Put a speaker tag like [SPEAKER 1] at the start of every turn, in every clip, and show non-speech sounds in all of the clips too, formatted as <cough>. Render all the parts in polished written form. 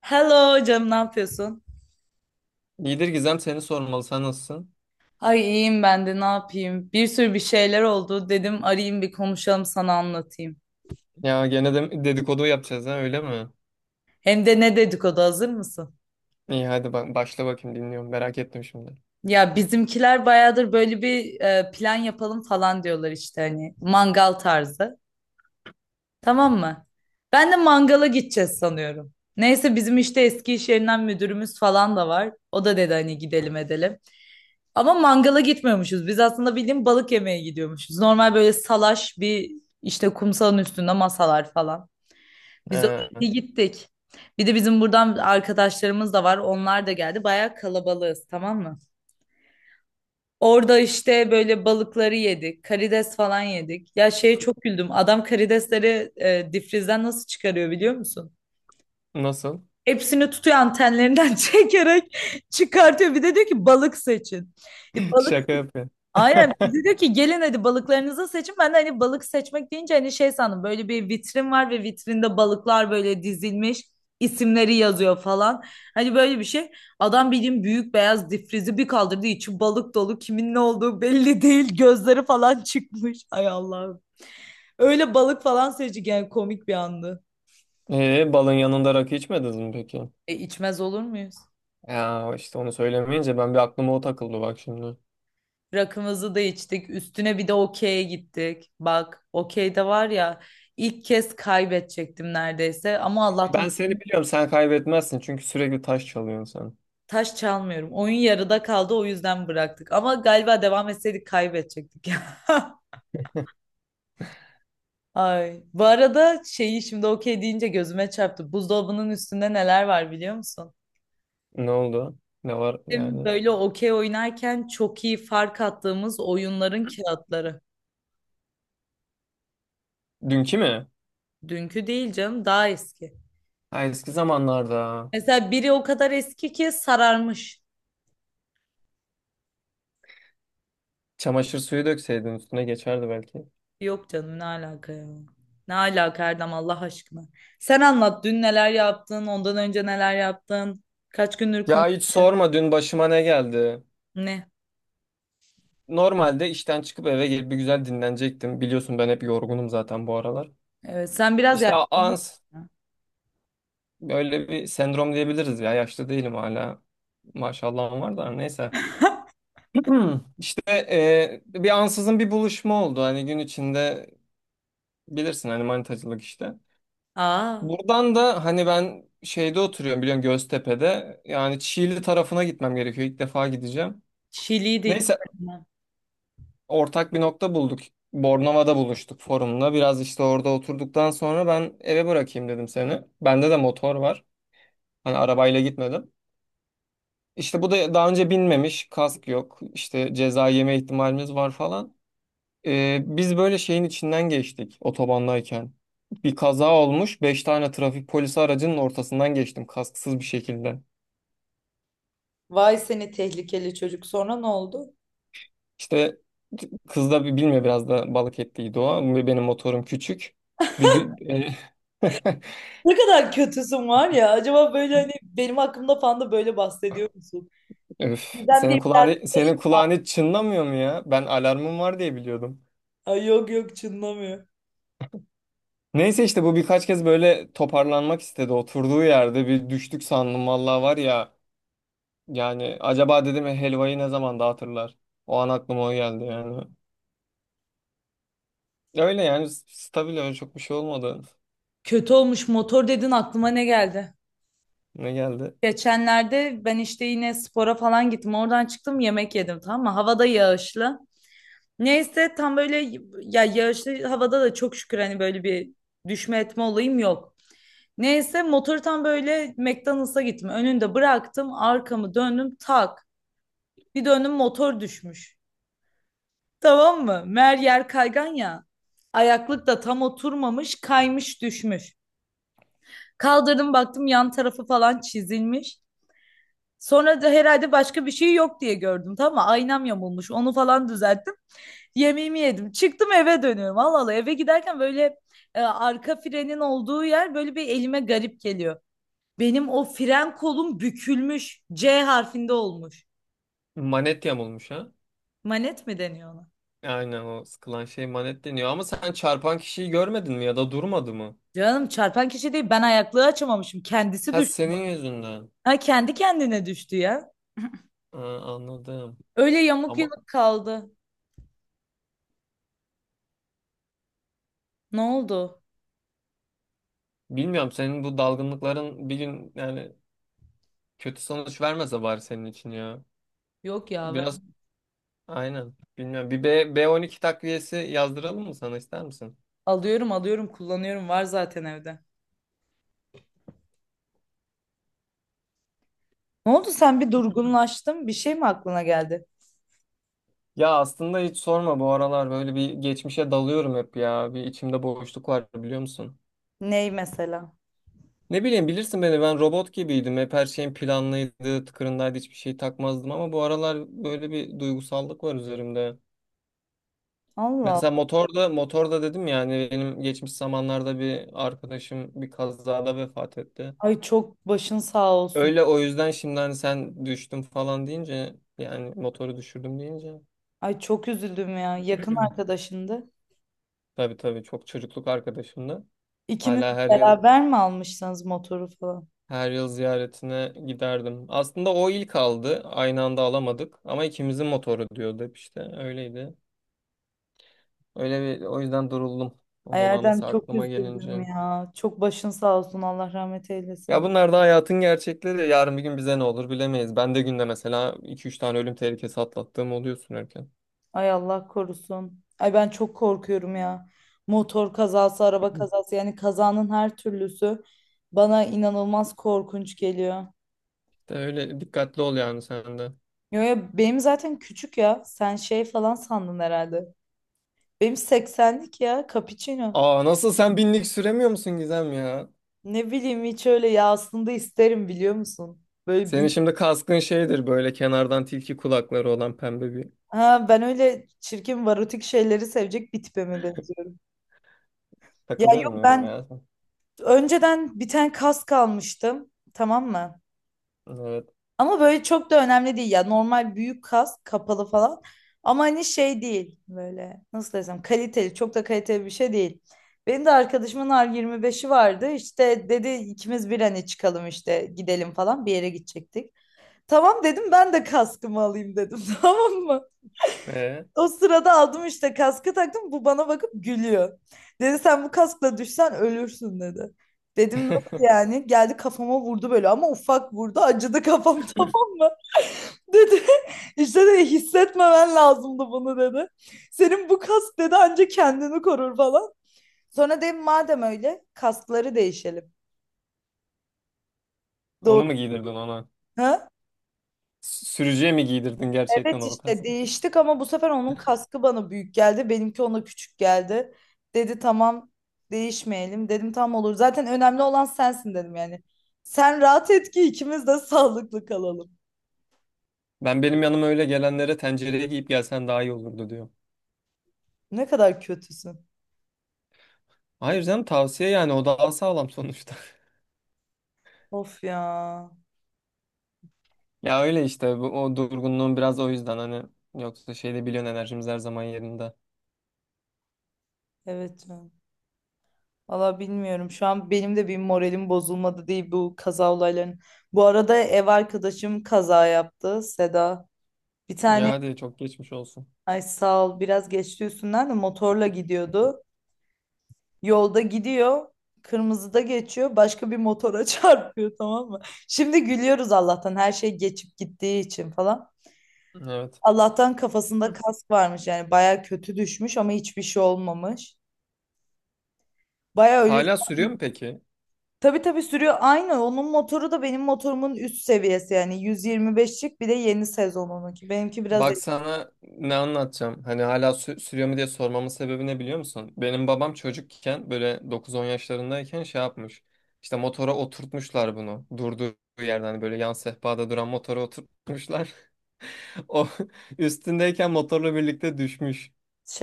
[SPEAKER 1] Hello canım, ne yapıyorsun?
[SPEAKER 2] İyidir Gizem seni sormalı. Sen nasılsın?
[SPEAKER 1] Ay, iyiyim ben de, ne yapayım? Bir sürü bir şeyler oldu. Dedim arayayım, bir konuşalım, sana anlatayım.
[SPEAKER 2] Ya gene de dedikodu yapacağız ha öyle mi?
[SPEAKER 1] Hem de ne dedikodu, hazır mısın?
[SPEAKER 2] İyi hadi bak başla bakayım dinliyorum. Merak ettim şimdi.
[SPEAKER 1] Ya bizimkiler bayağıdır böyle bir plan yapalım falan diyorlar işte, hani mangal tarzı. Tamam mı? Ben de mangala gideceğiz sanıyorum. Neyse, bizim işte eski iş yerinden müdürümüz falan da var. O da dedi hani gidelim edelim. Ama mangala gitmiyormuşuz. Biz aslında bildiğin balık yemeye gidiyormuşuz. Normal böyle salaş bir işte, kumsalın üstünde masalar falan. Biz o şekilde
[SPEAKER 2] Ee,
[SPEAKER 1] gittik. Bir de bizim buradan arkadaşlarımız da var. Onlar da geldi. Bayağı kalabalığız, tamam mı? Orada işte böyle balıkları yedik. Karides falan yedik. Ya şeye çok güldüm. Adam karidesleri difrizden nasıl çıkarıyor biliyor musun?
[SPEAKER 2] Nasıl?
[SPEAKER 1] Hepsini tutuyor antenlerinden <laughs> çekerek çıkartıyor. Bir de diyor ki balık seçin. E,
[SPEAKER 2] <laughs>
[SPEAKER 1] balık
[SPEAKER 2] Şaka yapıyor.
[SPEAKER 1] Aynen
[SPEAKER 2] <laughs>
[SPEAKER 1] bize diyor ki gelin hadi balıklarınızı seçin. Ben de hani balık seçmek deyince hani şey sandım, böyle bir vitrin var ve vitrinde balıklar böyle dizilmiş, isimleri yazıyor falan. Hani böyle bir şey. Adam bildiğin büyük beyaz difrizi bir kaldırdı, içi balık dolu, kimin ne olduğu belli değil, gözleri falan <laughs> çıkmış. Ay Allah'ım. Öyle balık falan seçtik yani, komik bir andı.
[SPEAKER 2] Balın yanında rakı içmediniz mi peki?
[SPEAKER 1] E, içmez olur muyuz?
[SPEAKER 2] Ya işte onu söylemeyince ben bir aklıma o takıldı bak şimdi.
[SPEAKER 1] Rakımızı da içtik. Üstüne bir de okey'e gittik. Bak okey'de var ya, ilk kez kaybedecektim neredeyse. Ama Allah'tan
[SPEAKER 2] Ben seni biliyorum sen kaybetmezsin çünkü sürekli taş çalıyorsun sen.
[SPEAKER 1] taş çalmıyorum. Oyun yarıda kaldı, o yüzden bıraktık. Ama galiba devam etseydik kaybedecektik <laughs> ya. Ay. Bu arada şeyi şimdi okey deyince gözüme çarptı. Buzdolabının üstünde neler var biliyor musun?
[SPEAKER 2] Ne oldu? Ne var
[SPEAKER 1] Bizim
[SPEAKER 2] yani?
[SPEAKER 1] böyle okey oynarken çok iyi fark attığımız oyunların kağıtları.
[SPEAKER 2] Dünkü mü?
[SPEAKER 1] Dünkü değil canım, daha eski.
[SPEAKER 2] Ha, eski zamanlarda.
[SPEAKER 1] Mesela biri o kadar eski ki sararmış.
[SPEAKER 2] Çamaşır suyu dökseydin üstüne geçerdi belki.
[SPEAKER 1] Yok canım, ne alaka ya? Ne alaka Erdem, Allah aşkına. Sen anlat, dün neler yaptın, ondan önce neler yaptın, kaç gündür konu
[SPEAKER 2] Ya hiç sorma dün başıma ne geldi.
[SPEAKER 1] ne?
[SPEAKER 2] Normalde işten çıkıp eve gelip bir güzel dinlenecektim. Biliyorsun ben hep yorgunum zaten bu aralar.
[SPEAKER 1] Evet, sen biraz
[SPEAKER 2] İşte a-
[SPEAKER 1] yaşlandın.
[SPEAKER 2] ans böyle bir sendrom diyebiliriz ya. Yaşlı değilim hala. Maşallahım var da neyse. <clears throat> İşte bir ansızın bir buluşma oldu. Hani gün içinde bilirsin hani manitacılık işte.
[SPEAKER 1] Aa,
[SPEAKER 2] Buradan da hani ben şeyde oturuyorum biliyorsun Göztepe'de. Yani Çiğli tarafına gitmem gerekiyor. İlk defa gideceğim.
[SPEAKER 1] Şili'yi de
[SPEAKER 2] Neyse
[SPEAKER 1] içtim.
[SPEAKER 2] ortak bir nokta bulduk. Bornova'da buluştuk forumla. Biraz işte orada oturduktan sonra ben eve bırakayım dedim seni. Bende de motor var. Hani arabayla gitmedim. İşte bu da daha önce binmemiş. Kask yok. İşte ceza yeme ihtimalimiz var falan. Biz böyle şeyin içinden geçtik otobandayken. Bir kaza olmuş. Beş tane trafik polisi aracının ortasından geçtim kasksız bir şekilde.
[SPEAKER 1] Vay seni tehlikeli çocuk. Sonra ne oldu?
[SPEAKER 2] İşte kız da bilmiyor biraz da balık ettiydi o. Benim motorum küçük. Bir dü- <laughs>
[SPEAKER 1] Ne kadar kötüsün var ya. Acaba böyle hani benim hakkımda falan da böyle bahsediyor musun?
[SPEAKER 2] Öf,
[SPEAKER 1] Neden
[SPEAKER 2] senin
[SPEAKER 1] diye bir
[SPEAKER 2] kulağın,
[SPEAKER 1] arkadaş.
[SPEAKER 2] senin kulağın hiç çınlamıyor mu ya? Ben alarmım var diye biliyordum.
[SPEAKER 1] Ay yok yok, çınlamıyor.
[SPEAKER 2] Neyse işte bu birkaç kez böyle toparlanmak istedi. Oturduğu yerde bir düştük sandım vallahi var ya. Yani acaba dedim ya, helvayı ne zaman dağıtırlar? O an aklıma o geldi yani. Öyle yani stabil öyle çok bir şey olmadı.
[SPEAKER 1] Kötü olmuş motor dedin, aklıma ne geldi?
[SPEAKER 2] Ne geldi?
[SPEAKER 1] Geçenlerde ben işte yine spora falan gittim. Oradan çıktım, yemek yedim, tamam mı? Havada yağışlı. Neyse tam böyle, ya yağışlı havada da çok şükür hani böyle bir düşme etme olayım yok. Neyse motoru tam böyle McDonald's'a gittim. Önünde bıraktım, arkamı döndüm tak. Bir döndüm motor düşmüş. Tamam mı? Meğer yer kaygan ya. Ayaklık da tam oturmamış, kaymış düşmüş. Kaldırdım baktım, yan tarafı falan çizilmiş. Sonra da herhalde başka bir şey yok diye gördüm. Tamam mı? Aynam yamulmuş. Onu falan düzelttim. Yemeğimi yedim. Çıktım eve dönüyorum. Allah Allah eve giderken böyle arka frenin olduğu yer böyle bir elime garip geliyor. Benim o fren kolum bükülmüş. C harfinde olmuş.
[SPEAKER 2] Manet yamulmuş ha?
[SPEAKER 1] Manet mi deniyor ona?
[SPEAKER 2] Aynen o sıkılan şey manet deniyor. Ama sen çarpan kişiyi görmedin mi ya da durmadı mı?
[SPEAKER 1] Canım, çarpan kişi değil. Ben ayaklığı açamamışım. Kendisi
[SPEAKER 2] Ha
[SPEAKER 1] düştü.
[SPEAKER 2] senin yüzünden.
[SPEAKER 1] Ha, kendi kendine düştü ya.
[SPEAKER 2] Ha, anladım.
[SPEAKER 1] Öyle yamuk
[SPEAKER 2] Ama
[SPEAKER 1] yumuk kaldı. Ne oldu?
[SPEAKER 2] bilmiyorum senin bu dalgınlıkların bir gün yani kötü sonuç vermese bari senin için ya.
[SPEAKER 1] Yok ya,
[SPEAKER 2] Biraz
[SPEAKER 1] ben
[SPEAKER 2] aynen. Bilmiyorum. Bir B12 takviyesi yazdıralım mı sana ister misin?
[SPEAKER 1] alıyorum alıyorum, kullanıyorum, var zaten evde. Ne oldu, sen bir durgunlaştın? Bir şey mi aklına geldi?
[SPEAKER 2] Ya aslında hiç sorma bu aralar böyle bir geçmişe dalıyorum hep ya. Bir içimde boşluk var biliyor musun?
[SPEAKER 1] Ney mesela?
[SPEAKER 2] Ne bileyim bilirsin beni ben robot gibiydim. Hep her şeyim planlıydı, tıkırındaydı hiçbir şey takmazdım ama bu aralar böyle bir duygusallık var üzerimde.
[SPEAKER 1] Allah
[SPEAKER 2] Mesela
[SPEAKER 1] Allah.
[SPEAKER 2] motorda dedim ya hani benim geçmiş zamanlarda bir arkadaşım bir kazada vefat etti.
[SPEAKER 1] Ay çok başın sağ olsun.
[SPEAKER 2] Öyle o yüzden şimdi hani sen düştüm falan deyince yani motoru düşürdüm deyince
[SPEAKER 1] Ay çok üzüldüm ya. Yakın
[SPEAKER 2] <clears throat>
[SPEAKER 1] arkadaşındı.
[SPEAKER 2] tabii tabii çok çocukluk arkadaşımdı.
[SPEAKER 1] İkiniz
[SPEAKER 2] Hala her yıl
[SPEAKER 1] beraber mi almışsınız motoru falan?
[SPEAKER 2] her yıl ziyaretine giderdim. Aslında o ilk aldı. Aynı anda alamadık ama ikimizin motoru diyordu hep işte öyleydi. Öyle bir o yüzden duruldum.
[SPEAKER 1] Ay
[SPEAKER 2] Onun
[SPEAKER 1] Erdem
[SPEAKER 2] anısı
[SPEAKER 1] çok
[SPEAKER 2] aklıma
[SPEAKER 1] üzüldüm
[SPEAKER 2] gelince.
[SPEAKER 1] ya. Çok başın sağ olsun. Allah rahmet
[SPEAKER 2] Ya
[SPEAKER 1] eylesin.
[SPEAKER 2] bunlar da hayatın gerçekleri. Yarın bir gün bize ne olur bilemeyiz. Ben de günde mesela iki üç tane ölüm tehlikesi atlattığım oluyor sürerken.
[SPEAKER 1] Ay Allah korusun. Ay ben çok korkuyorum ya. Motor kazası, araba kazası, yani kazanın her türlüsü bana inanılmaz korkunç geliyor.
[SPEAKER 2] De öyle dikkatli ol yani sen de.
[SPEAKER 1] Yo ya, benim zaten küçük ya. Sen şey falan sandın herhalde. Benim 80'lik ya, cappuccino.
[SPEAKER 2] Aa nasıl sen binlik süremiyor musun Gizem ya?
[SPEAKER 1] Ne bileyim, hiç öyle ya, aslında isterim biliyor musun? Böyle
[SPEAKER 2] Senin
[SPEAKER 1] büyük.
[SPEAKER 2] şimdi kaskın şeydir böyle kenardan tilki kulakları olan pembe bir.
[SPEAKER 1] Ha ben öyle çirkin varotik şeyleri sevecek bir tipe mi benziyorum? Ya
[SPEAKER 2] Takılıyorum
[SPEAKER 1] yok,
[SPEAKER 2] muyum
[SPEAKER 1] ben
[SPEAKER 2] ya sen?
[SPEAKER 1] önceden bir tane kask almıştım. Tamam mı?
[SPEAKER 2] Evet.
[SPEAKER 1] Ama böyle çok da önemli değil ya. Normal büyük kapalı falan. Ama hani şey değil, böyle nasıl desem kaliteli, çok da kaliteli bir şey değil. Benim de arkadaşımın R25'i vardı. İşte dedi ikimiz bir hani çıkalım işte gidelim falan, bir yere gidecektik. Tamam dedim, ben de kaskımı alayım dedim <laughs> tamam mı?
[SPEAKER 2] Ee?
[SPEAKER 1] O sırada aldım, işte kaskı taktım, bu bana bakıp gülüyor. Dedi sen bu kaskla düşsen ölürsün dedi. Dedim nasıl
[SPEAKER 2] <laughs>
[SPEAKER 1] yani? Geldi kafama vurdu böyle, ama ufak vurdu, acıdı kafam <laughs> tamam mı? Dedi <laughs> işte dedi hissetmemen lazımdı bunu dedi. Senin bu kask dedi ancak kendini korur falan. Sonra dedim madem öyle kaskları değişelim. Doğru.
[SPEAKER 2] Onu mu giydirdin ona?
[SPEAKER 1] Ha?
[SPEAKER 2] Sürücüye mi giydirdin gerçekten
[SPEAKER 1] Evet
[SPEAKER 2] o
[SPEAKER 1] işte
[SPEAKER 2] kaskı?
[SPEAKER 1] değiştik, ama bu sefer onun kaskı bana büyük geldi. Benimki ona küçük geldi. Dedi tamam değişmeyelim. Dedim tam olur. Zaten önemli olan sensin dedim yani. Sen rahat et ki ikimiz de <laughs> sağlıklı kalalım.
[SPEAKER 2] Ben benim yanıma öyle gelenlere tencereye giyip gelsen daha iyi olurdu diyor.
[SPEAKER 1] Ne kadar kötüsün.
[SPEAKER 2] Hayır canım tavsiye yani o daha sağlam sonuçta. <laughs>
[SPEAKER 1] Of ya.
[SPEAKER 2] Ya öyle işte bu, o durgunluğun biraz o yüzden hani yoksa şeyde biliyorsun enerjimiz her zaman yerinde.
[SPEAKER 1] Evet, ya. Valla bilmiyorum. Şu an benim de bir moralim bozulmadı değil bu kaza olayların. Bu arada ev arkadaşım kaza yaptı, Seda. Bir
[SPEAKER 2] Ya
[SPEAKER 1] tane,
[SPEAKER 2] hadi çok geçmiş olsun.
[SPEAKER 1] ay sağ ol, biraz geçti üstünden, de motorla gidiyordu. Yolda gidiyor. Kırmızıda geçiyor. Başka bir motora <laughs> çarpıyor, tamam mı? Şimdi gülüyoruz Allah'tan her şey geçip gittiği için falan.
[SPEAKER 2] Evet.
[SPEAKER 1] Allah'tan kafasında kask varmış, yani baya kötü düşmüş ama hiçbir şey olmamış. Baya öyle.
[SPEAKER 2] Hala sürüyor mu peki?
[SPEAKER 1] Tabii tabii, sürüyor. Aynı, onun motoru da benim motorumun üst seviyesi, yani 125'lik, bir de yeni sezonununki. Benimki biraz
[SPEAKER 2] Bak sana ne anlatacağım. Hani hala sürüyor mu diye sormamın sebebi ne biliyor musun? Benim babam çocukken böyle 9-10 yaşlarındayken şey yapmış. İşte motora oturtmuşlar bunu. Durduğu yerden hani böyle yan sehpada duran motora oturtmuşlar. O <laughs> üstündeyken motorla birlikte düşmüş.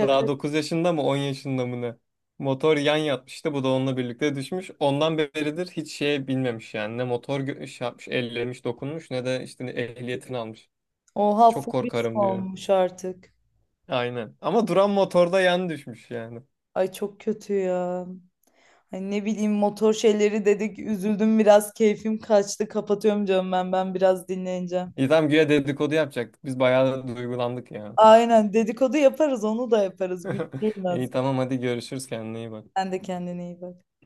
[SPEAKER 2] Daha 9 yaşında mı 10 yaşında mı ne? Motor yan yatmıştı bu da onunla birlikte düşmüş. Ondan beridir hiç şey bilmemiş yani ne motor şey yapmış ellemiş dokunmuş ne de işte ehliyetini almış.
[SPEAKER 1] Oha,
[SPEAKER 2] Çok
[SPEAKER 1] fobis
[SPEAKER 2] korkarım diyor.
[SPEAKER 1] olmuş artık.
[SPEAKER 2] Aynen ama duran motorda yan düşmüş yani.
[SPEAKER 1] Ay çok kötü ya. Ay ne bileyim, motor şeyleri dedik, üzüldüm biraz, keyfim kaçtı, kapatıyorum canım, ben biraz dinleneceğim.
[SPEAKER 2] İyi tamam güya dedikodu yapacaktık biz bayağı duygulandık ya.
[SPEAKER 1] Aynen, dedikodu yaparız, onu da yaparız, güldürürüm
[SPEAKER 2] <laughs>
[SPEAKER 1] ben
[SPEAKER 2] İyi
[SPEAKER 1] seni.
[SPEAKER 2] tamam hadi görüşürüz kendine iyi bak.
[SPEAKER 1] Sen de kendine iyi bak.